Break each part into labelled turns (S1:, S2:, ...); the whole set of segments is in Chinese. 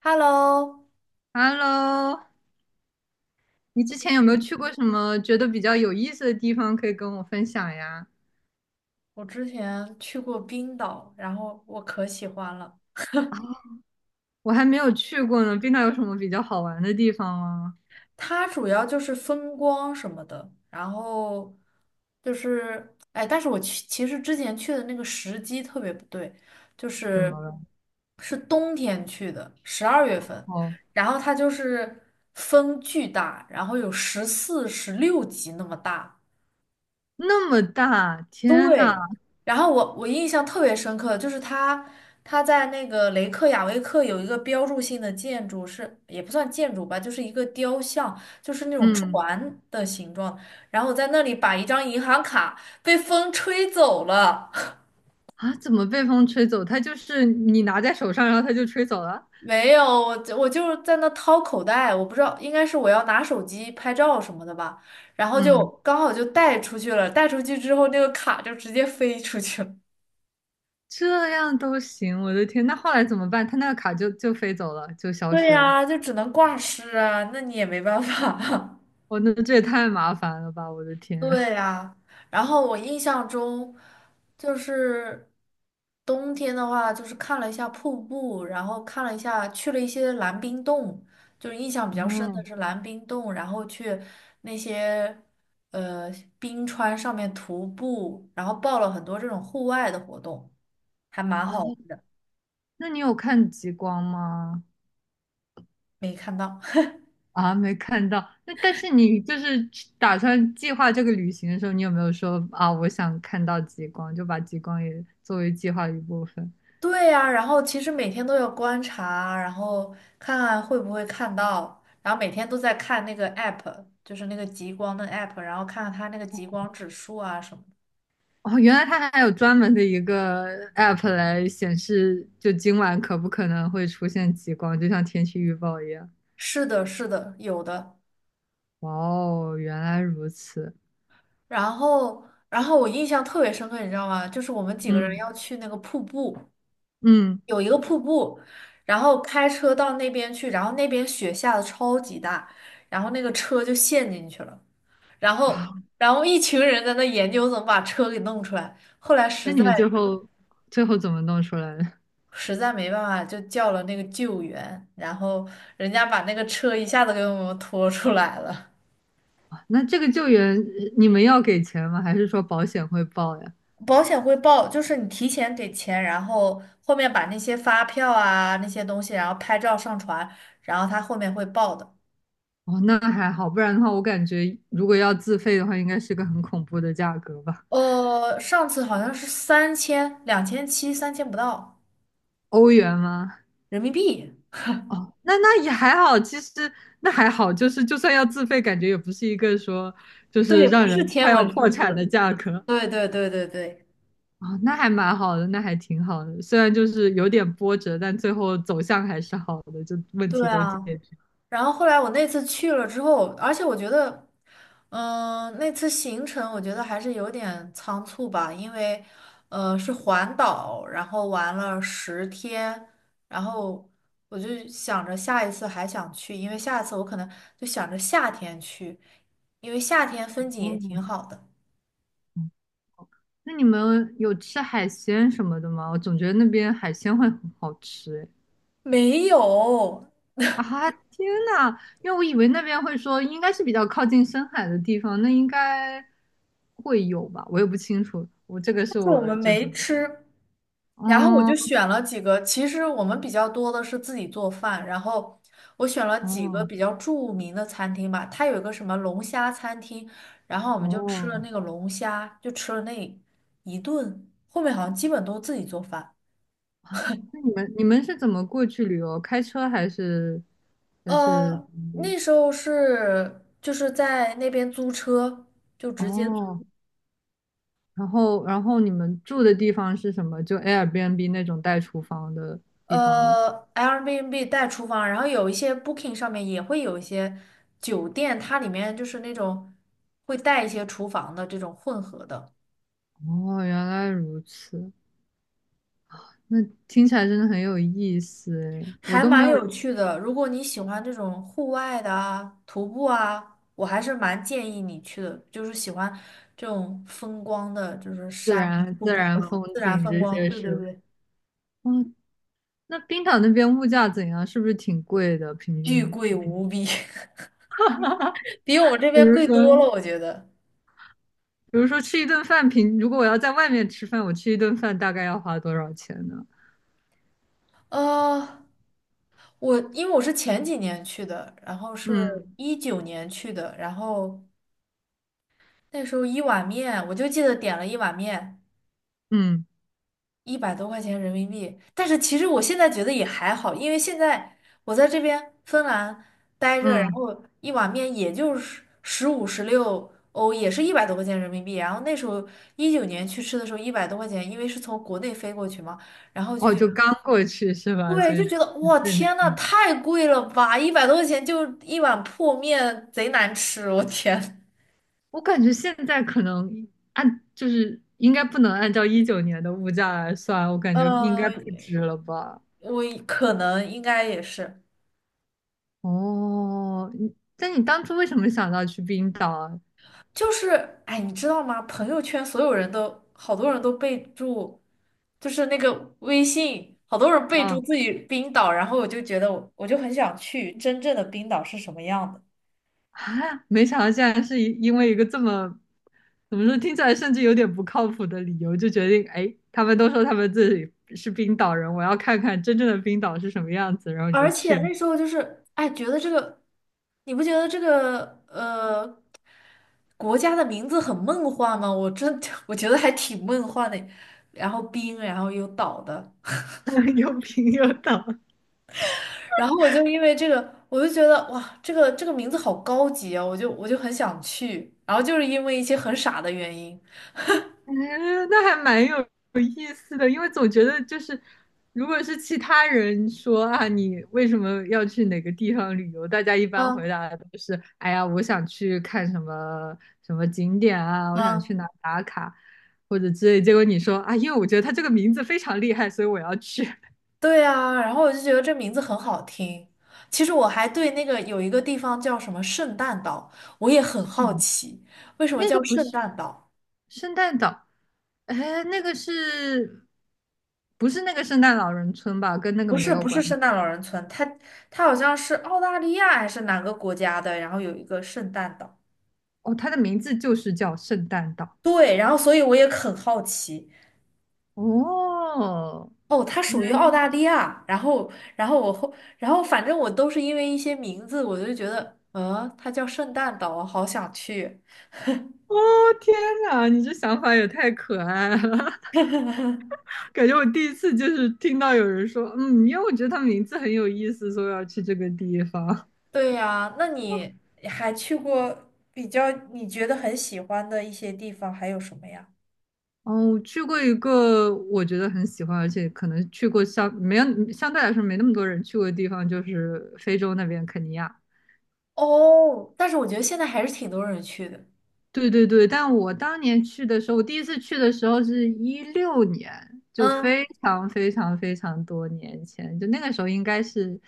S1: Hello，
S2: Hello，你之前有没有去过什么觉得比较有意思的地方，可以跟我分享呀？
S1: 我之前去过冰岛，然后我可喜欢了。
S2: 啊，我还没有去过呢，冰岛有什么比较好玩的地方吗？
S1: 它主要就是风光什么的，然后就是，哎，但是我去，其实之前去的那个时机特别不对，就
S2: 怎
S1: 是
S2: 么了？
S1: 是冬天去的，十二月份，
S2: 哦，
S1: 然后它就是风巨大，然后有十四、十六级那么大。
S2: 那么大，天呐，
S1: 对，然后我印象特别深刻，就是他在那个雷克雅未克有一个标志性的建筑是，也不算建筑吧，就是一个雕像，就是那种
S2: 嗯，
S1: 船的形状，然后我在那里把一张银行卡被风吹走了。
S2: 啊，怎么被风吹走？它就是你拿在手上，然后它就吹走了。
S1: 没有，我是在那掏口袋，我不知道，应该是我要拿手机拍照什么的吧，然后就
S2: 嗯，
S1: 刚好就带出去了，带出去之后那个卡就直接飞出去了。
S2: 这样都行，我的天，那后来怎么办？它那个卡就飞走了，就消
S1: 对
S2: 失了。
S1: 呀，就只能挂失啊，那你也没办法。
S2: 我那这也太麻烦了吧，我的 天。
S1: 对呀，然后我印象中就是冬天的话，就是看了一下瀑布，然后看了一下去了一些蓝冰洞，就是印象比较深的
S2: 嗯，
S1: 是蓝冰洞，然后去那些呃冰川上面徒步，然后报了很多这种户外的活动，还蛮好玩
S2: 哦，
S1: 的，
S2: 那你有看极光吗？
S1: 没看到。
S2: 啊，没看到。那但是你就是去打算计划这个旅行的时候，你有没有说啊，我想看到极光，就把极光也作为计划的一部分？
S1: 对呀，然后其实每天都有观察，然后看看会不会看到，然后每天都在看那个 app，就是那个极光的 app，然后看看它那个极光指数啊什么的。
S2: 哦，原来它还有专门的一个 app 来显示，就今晚可不可能会出现极光，就像天气预报一样。
S1: 是的，是的，有的。
S2: 哇哦，原来如此。
S1: 然后我印象特别深刻，你知道吗？就是我们几个人
S2: 嗯
S1: 要去那个瀑布，
S2: 嗯，
S1: 有一个瀑布，然后开车到那边去，然后那边雪下的超级大，然后那个车就陷进去了。然后然后一群人在那研究怎么把车给弄出来，后来
S2: 那你们最后怎么弄出来的？
S1: 实在没办法，就叫了那个救援，然后人家把那个车一下子给我们拖出来了。
S2: 啊那这个救援你们要给钱吗？还是说保险会报呀？
S1: 保险会报，就是你提前给钱，然后后面把那些发票啊那些东西，然后拍照上传，然后他后面会报的。
S2: 哦，那还好，不然的话，我感觉如果要自费的话，应该是个很恐怖的价格吧？
S1: 上次好像是三千、两千七、三千不到
S2: 欧元吗？
S1: 人民币，
S2: 哦，那也还好，其实那还好，就是就算要自费，感觉也不是一个说就是
S1: 对，不
S2: 让人
S1: 是天
S2: 快要
S1: 文数
S2: 破产的
S1: 字。
S2: 价格。
S1: 对对对对对，
S2: 哦，那还蛮好的，那还挺好的，虽然就是有点波折，但最后走向还是好的，就问
S1: 对
S2: 题都解
S1: 啊。
S2: 决。
S1: 然后后来我那次去了之后，而且我觉得，嗯、那次行程我觉得还是有点仓促吧，因为，是环岛，然后玩了十天，然后我就想着下一次还想去，因为下一次我可能就想着夏天去，因为夏天风景也
S2: 哦，
S1: 挺好的。
S2: 嗯那你们有吃海鲜什么的吗？我总觉得那边海鲜会很好吃诶。
S1: 没有，
S2: 啊，天呐，因为我以为那边会说应该是比较靠近深海的地方，那应该会有吧，我也不清楚，我这个是
S1: 但是我
S2: 我
S1: 们
S2: 就怎
S1: 没
S2: 么说，
S1: 吃，然后我就
S2: 哦
S1: 选了几个，其实我们比较多的是自己做饭，然后我选了几个
S2: 哦
S1: 比较著名的餐厅吧，它有一个什么龙虾餐厅，然后我们就吃了
S2: 哦
S1: 那个龙虾，就吃了那一顿，后面好像基本都自己做饭。
S2: 啊，那你们是怎么过去旅游？开车还是还是
S1: 呃，那时候就是在那边租车，就直接。
S2: 哦？然后你们住的地方是什么？就 Airbnb 那种带厨房的地方吗？
S1: Airbnb 带厨房，然后有一些 Booking 上面也会有一些酒店，它里面就是那种会带一些厨房的这种混合的，
S2: 哦，原来如此。那听起来真的很有意思诶，我
S1: 还
S2: 都没
S1: 蛮
S2: 有
S1: 有趣的。如果你喜欢这种户外的啊，徒步啊，我还是蛮建议你去的，就是喜欢这种风光的，就是
S2: 自
S1: 山啊、
S2: 然
S1: 瀑
S2: 自
S1: 布
S2: 然
S1: 啊、
S2: 风
S1: 自然
S2: 景
S1: 风
S2: 这
S1: 光。
S2: 些
S1: 对对
S2: 是。
S1: 对，
S2: 哦，那冰岛那边物价怎样？是不是挺贵的？平
S1: 巨
S2: 均
S1: 贵
S2: 平均，
S1: 无比，比我们这
S2: 比
S1: 边
S2: 如
S1: 贵
S2: 说，
S1: 多了，我觉得。
S2: 比如说吃一顿饭，如果我要在外面吃饭，我吃一顿饭大概要花多少钱呢？
S1: 呃。我因为我是前几年去的，然后是
S2: 嗯
S1: 一九年去的，然后那时候一碗面，我就记得点了一碗面，
S2: 嗯
S1: 一百多块钱人民币。但是其实我现在觉得也还好，因为现在我在这边芬兰待着，然
S2: 嗯，
S1: 后一碗面也就是十五十六欧，也是一百多块钱人民币。然后那时候一九年去吃的时候一百多块钱，因为是从国内飞过去嘛，然后就
S2: 哦，
S1: 觉得
S2: 就刚过去是吧？
S1: 对，
S2: 所以
S1: 就觉得
S2: 很
S1: 哇
S2: 震
S1: 天呐，
S2: 惊。
S1: 太贵了吧！一百多块钱就一碗破面，贼难吃，我天。
S2: 我感觉现在可能就是应该不能按照一九年的物价来算，我感觉应该
S1: 呃，
S2: 不止了吧。
S1: 我可能应该也是，
S2: 哦，但你当初为什么想到去冰岛啊？
S1: 就是哎，你知道吗？朋友圈所有人都好多人都备注，就是那个微信，好多人备注
S2: 啊
S1: 自己冰岛，然后我就觉得我就很想去真正的冰岛是什么样的。
S2: 啊，没想到竟然是因为一个这么，怎么说，听起来甚至有点不靠谱的理由，就决定，哎，他们都说他们自己是冰岛人，我要看看真正的冰岛是什么样子，然后你就
S1: 而且
S2: 去，
S1: 那时候就是，哎，觉得这个，你不觉得这个国家的名字很梦幻吗？我真 我觉得还挺梦幻的。然后冰，然后有岛的，
S2: 又冰又岛。
S1: 然后我就因为这个，我就觉得哇，这个名字好高级啊，我很想去。然后就是因为一些很傻的原因，
S2: 嗯，那还蛮有意思的，因为总觉得就是，如果是其他人说啊，你为什么要去哪个地方旅游，大家一般回
S1: 啊
S2: 答的都是，哎呀，我想去看什么什么景点啊，我想
S1: 啊，
S2: 去哪打卡，或者之类。结果你说啊，因为我觉得它这个名字非常厉害，所以我要去。
S1: 对啊，然后我就觉得这名字很好听。其实我还对那个有一个地方叫什么圣诞岛，我也很好奇，为什么
S2: 那
S1: 叫
S2: 个不
S1: 圣
S2: 是
S1: 诞岛？
S2: 圣诞岛，哎，那个是不是那个圣诞老人村吧？跟那个没有
S1: 不
S2: 关
S1: 是圣
S2: 系。
S1: 诞老人村，它好像是澳大利亚还是哪个国家的，然后有一个圣诞岛。
S2: 哦，它的名字就是叫圣诞岛。
S1: 对，然后所以我也很好奇，
S2: 哦，
S1: 哦，它属于澳大利亚，然后然后我后然后反正我都是因为一些名字，我就觉得，嗯，它叫圣诞岛，我好想去。
S2: 哦，天哪，你这想法也太可爱了，感觉我第一次就是听到有人说，嗯，因为我觉得他名字很有意思，所以我要去这个地方。
S1: 对呀，那你还去过比较你觉得很喜欢的一些地方还有什么呀？
S2: 哦，我去过一个我觉得很喜欢，而且可能去过相没有相对来说没那么多人去过的地方，就是非洲那边肯尼亚。
S1: 哦，但是我觉得现在还是挺多人去的。
S2: 对对对，但我当年去的时候，我第一次去的时候是一六年，就非
S1: 嗯。
S2: 常非常非常多年前，就那个时候应该是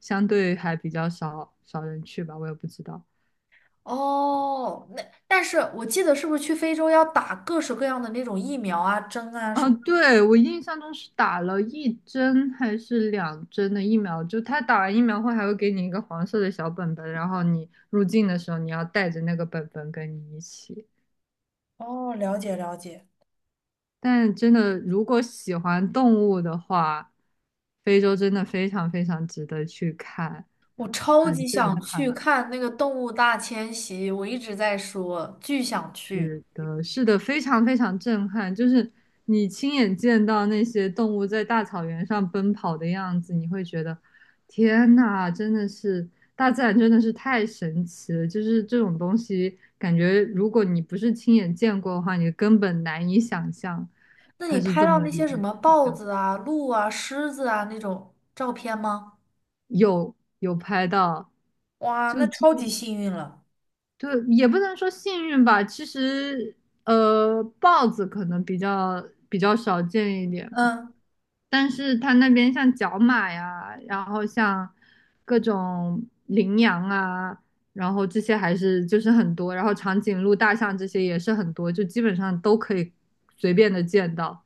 S2: 相对还比较少人去吧，我也不知道。
S1: 哦，那但是我记得是不是去非洲要打各式各样的那种疫苗啊、针啊什
S2: 啊，
S1: 么？
S2: 对，我印象中是打了一针还是两针的疫苗，就他打完疫苗后还会给你一个黄色的小本本，然后你入境的时候你要带着那个本本跟你一起。
S1: 哦，了解了解。
S2: 但真的，如果喜欢动物的话，非洲真的非常非常值得去看，
S1: 我超
S2: 很
S1: 级想
S2: 震
S1: 去
S2: 撼。
S1: 看那个动物大迁徙，我一直在说，巨想去。
S2: 是的，是的，非常非常震撼。就是你亲眼见到那些动物在大草原上奔跑的样子，你会觉得，天呐，真的是大自然真的是太神奇了。就是这种东西，感觉如果你不是亲眼见过的话，你根本难以想象
S1: 那你
S2: 它是
S1: 拍
S2: 这
S1: 到
S2: 么
S1: 那
S2: 一
S1: 些
S2: 个
S1: 什
S2: 景
S1: 么豹
S2: 象。
S1: 子啊、鹿啊、狮子啊那种照片吗？
S2: 有拍到，
S1: 哇，
S2: 就
S1: 那
S2: 就
S1: 超级幸运了。
S2: 也不能说幸运吧。其实，豹子可能比较少见一点，
S1: 嗯，
S2: 但是它那边像角马呀，然后像各种羚羊啊，然后这些还是就是很多，然后长颈鹿、大象这些也是很多，就基本上都可以随便的见到，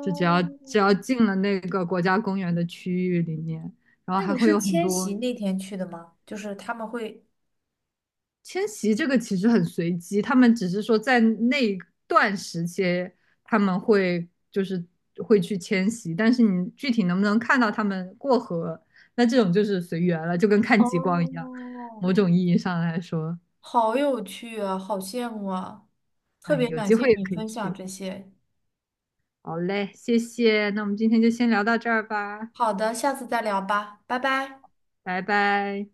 S2: 就只要只要进了那个国家公园的区域里面，然后
S1: 那
S2: 还
S1: 你
S2: 会
S1: 是
S2: 有很
S1: 迁徙
S2: 多。
S1: 那天去的吗？就是他们会。
S2: 迁徙这个其实很随机，他们只是说在那一段时间他们会就是会去迁徙，但是你具体能不能看到他们过河，那这种就是随缘了，就跟看极光一样。
S1: 哦，
S2: 某种意义上来说，
S1: 好有趣啊，好羡慕啊！特
S2: 哎，
S1: 别
S2: 有
S1: 感
S2: 机
S1: 谢
S2: 会也
S1: 你
S2: 可以
S1: 分享
S2: 去。
S1: 这些。
S2: 好嘞，谢谢，那我们今天就先聊到这儿吧，
S1: 好的，下次再聊吧，拜拜。
S2: 拜拜。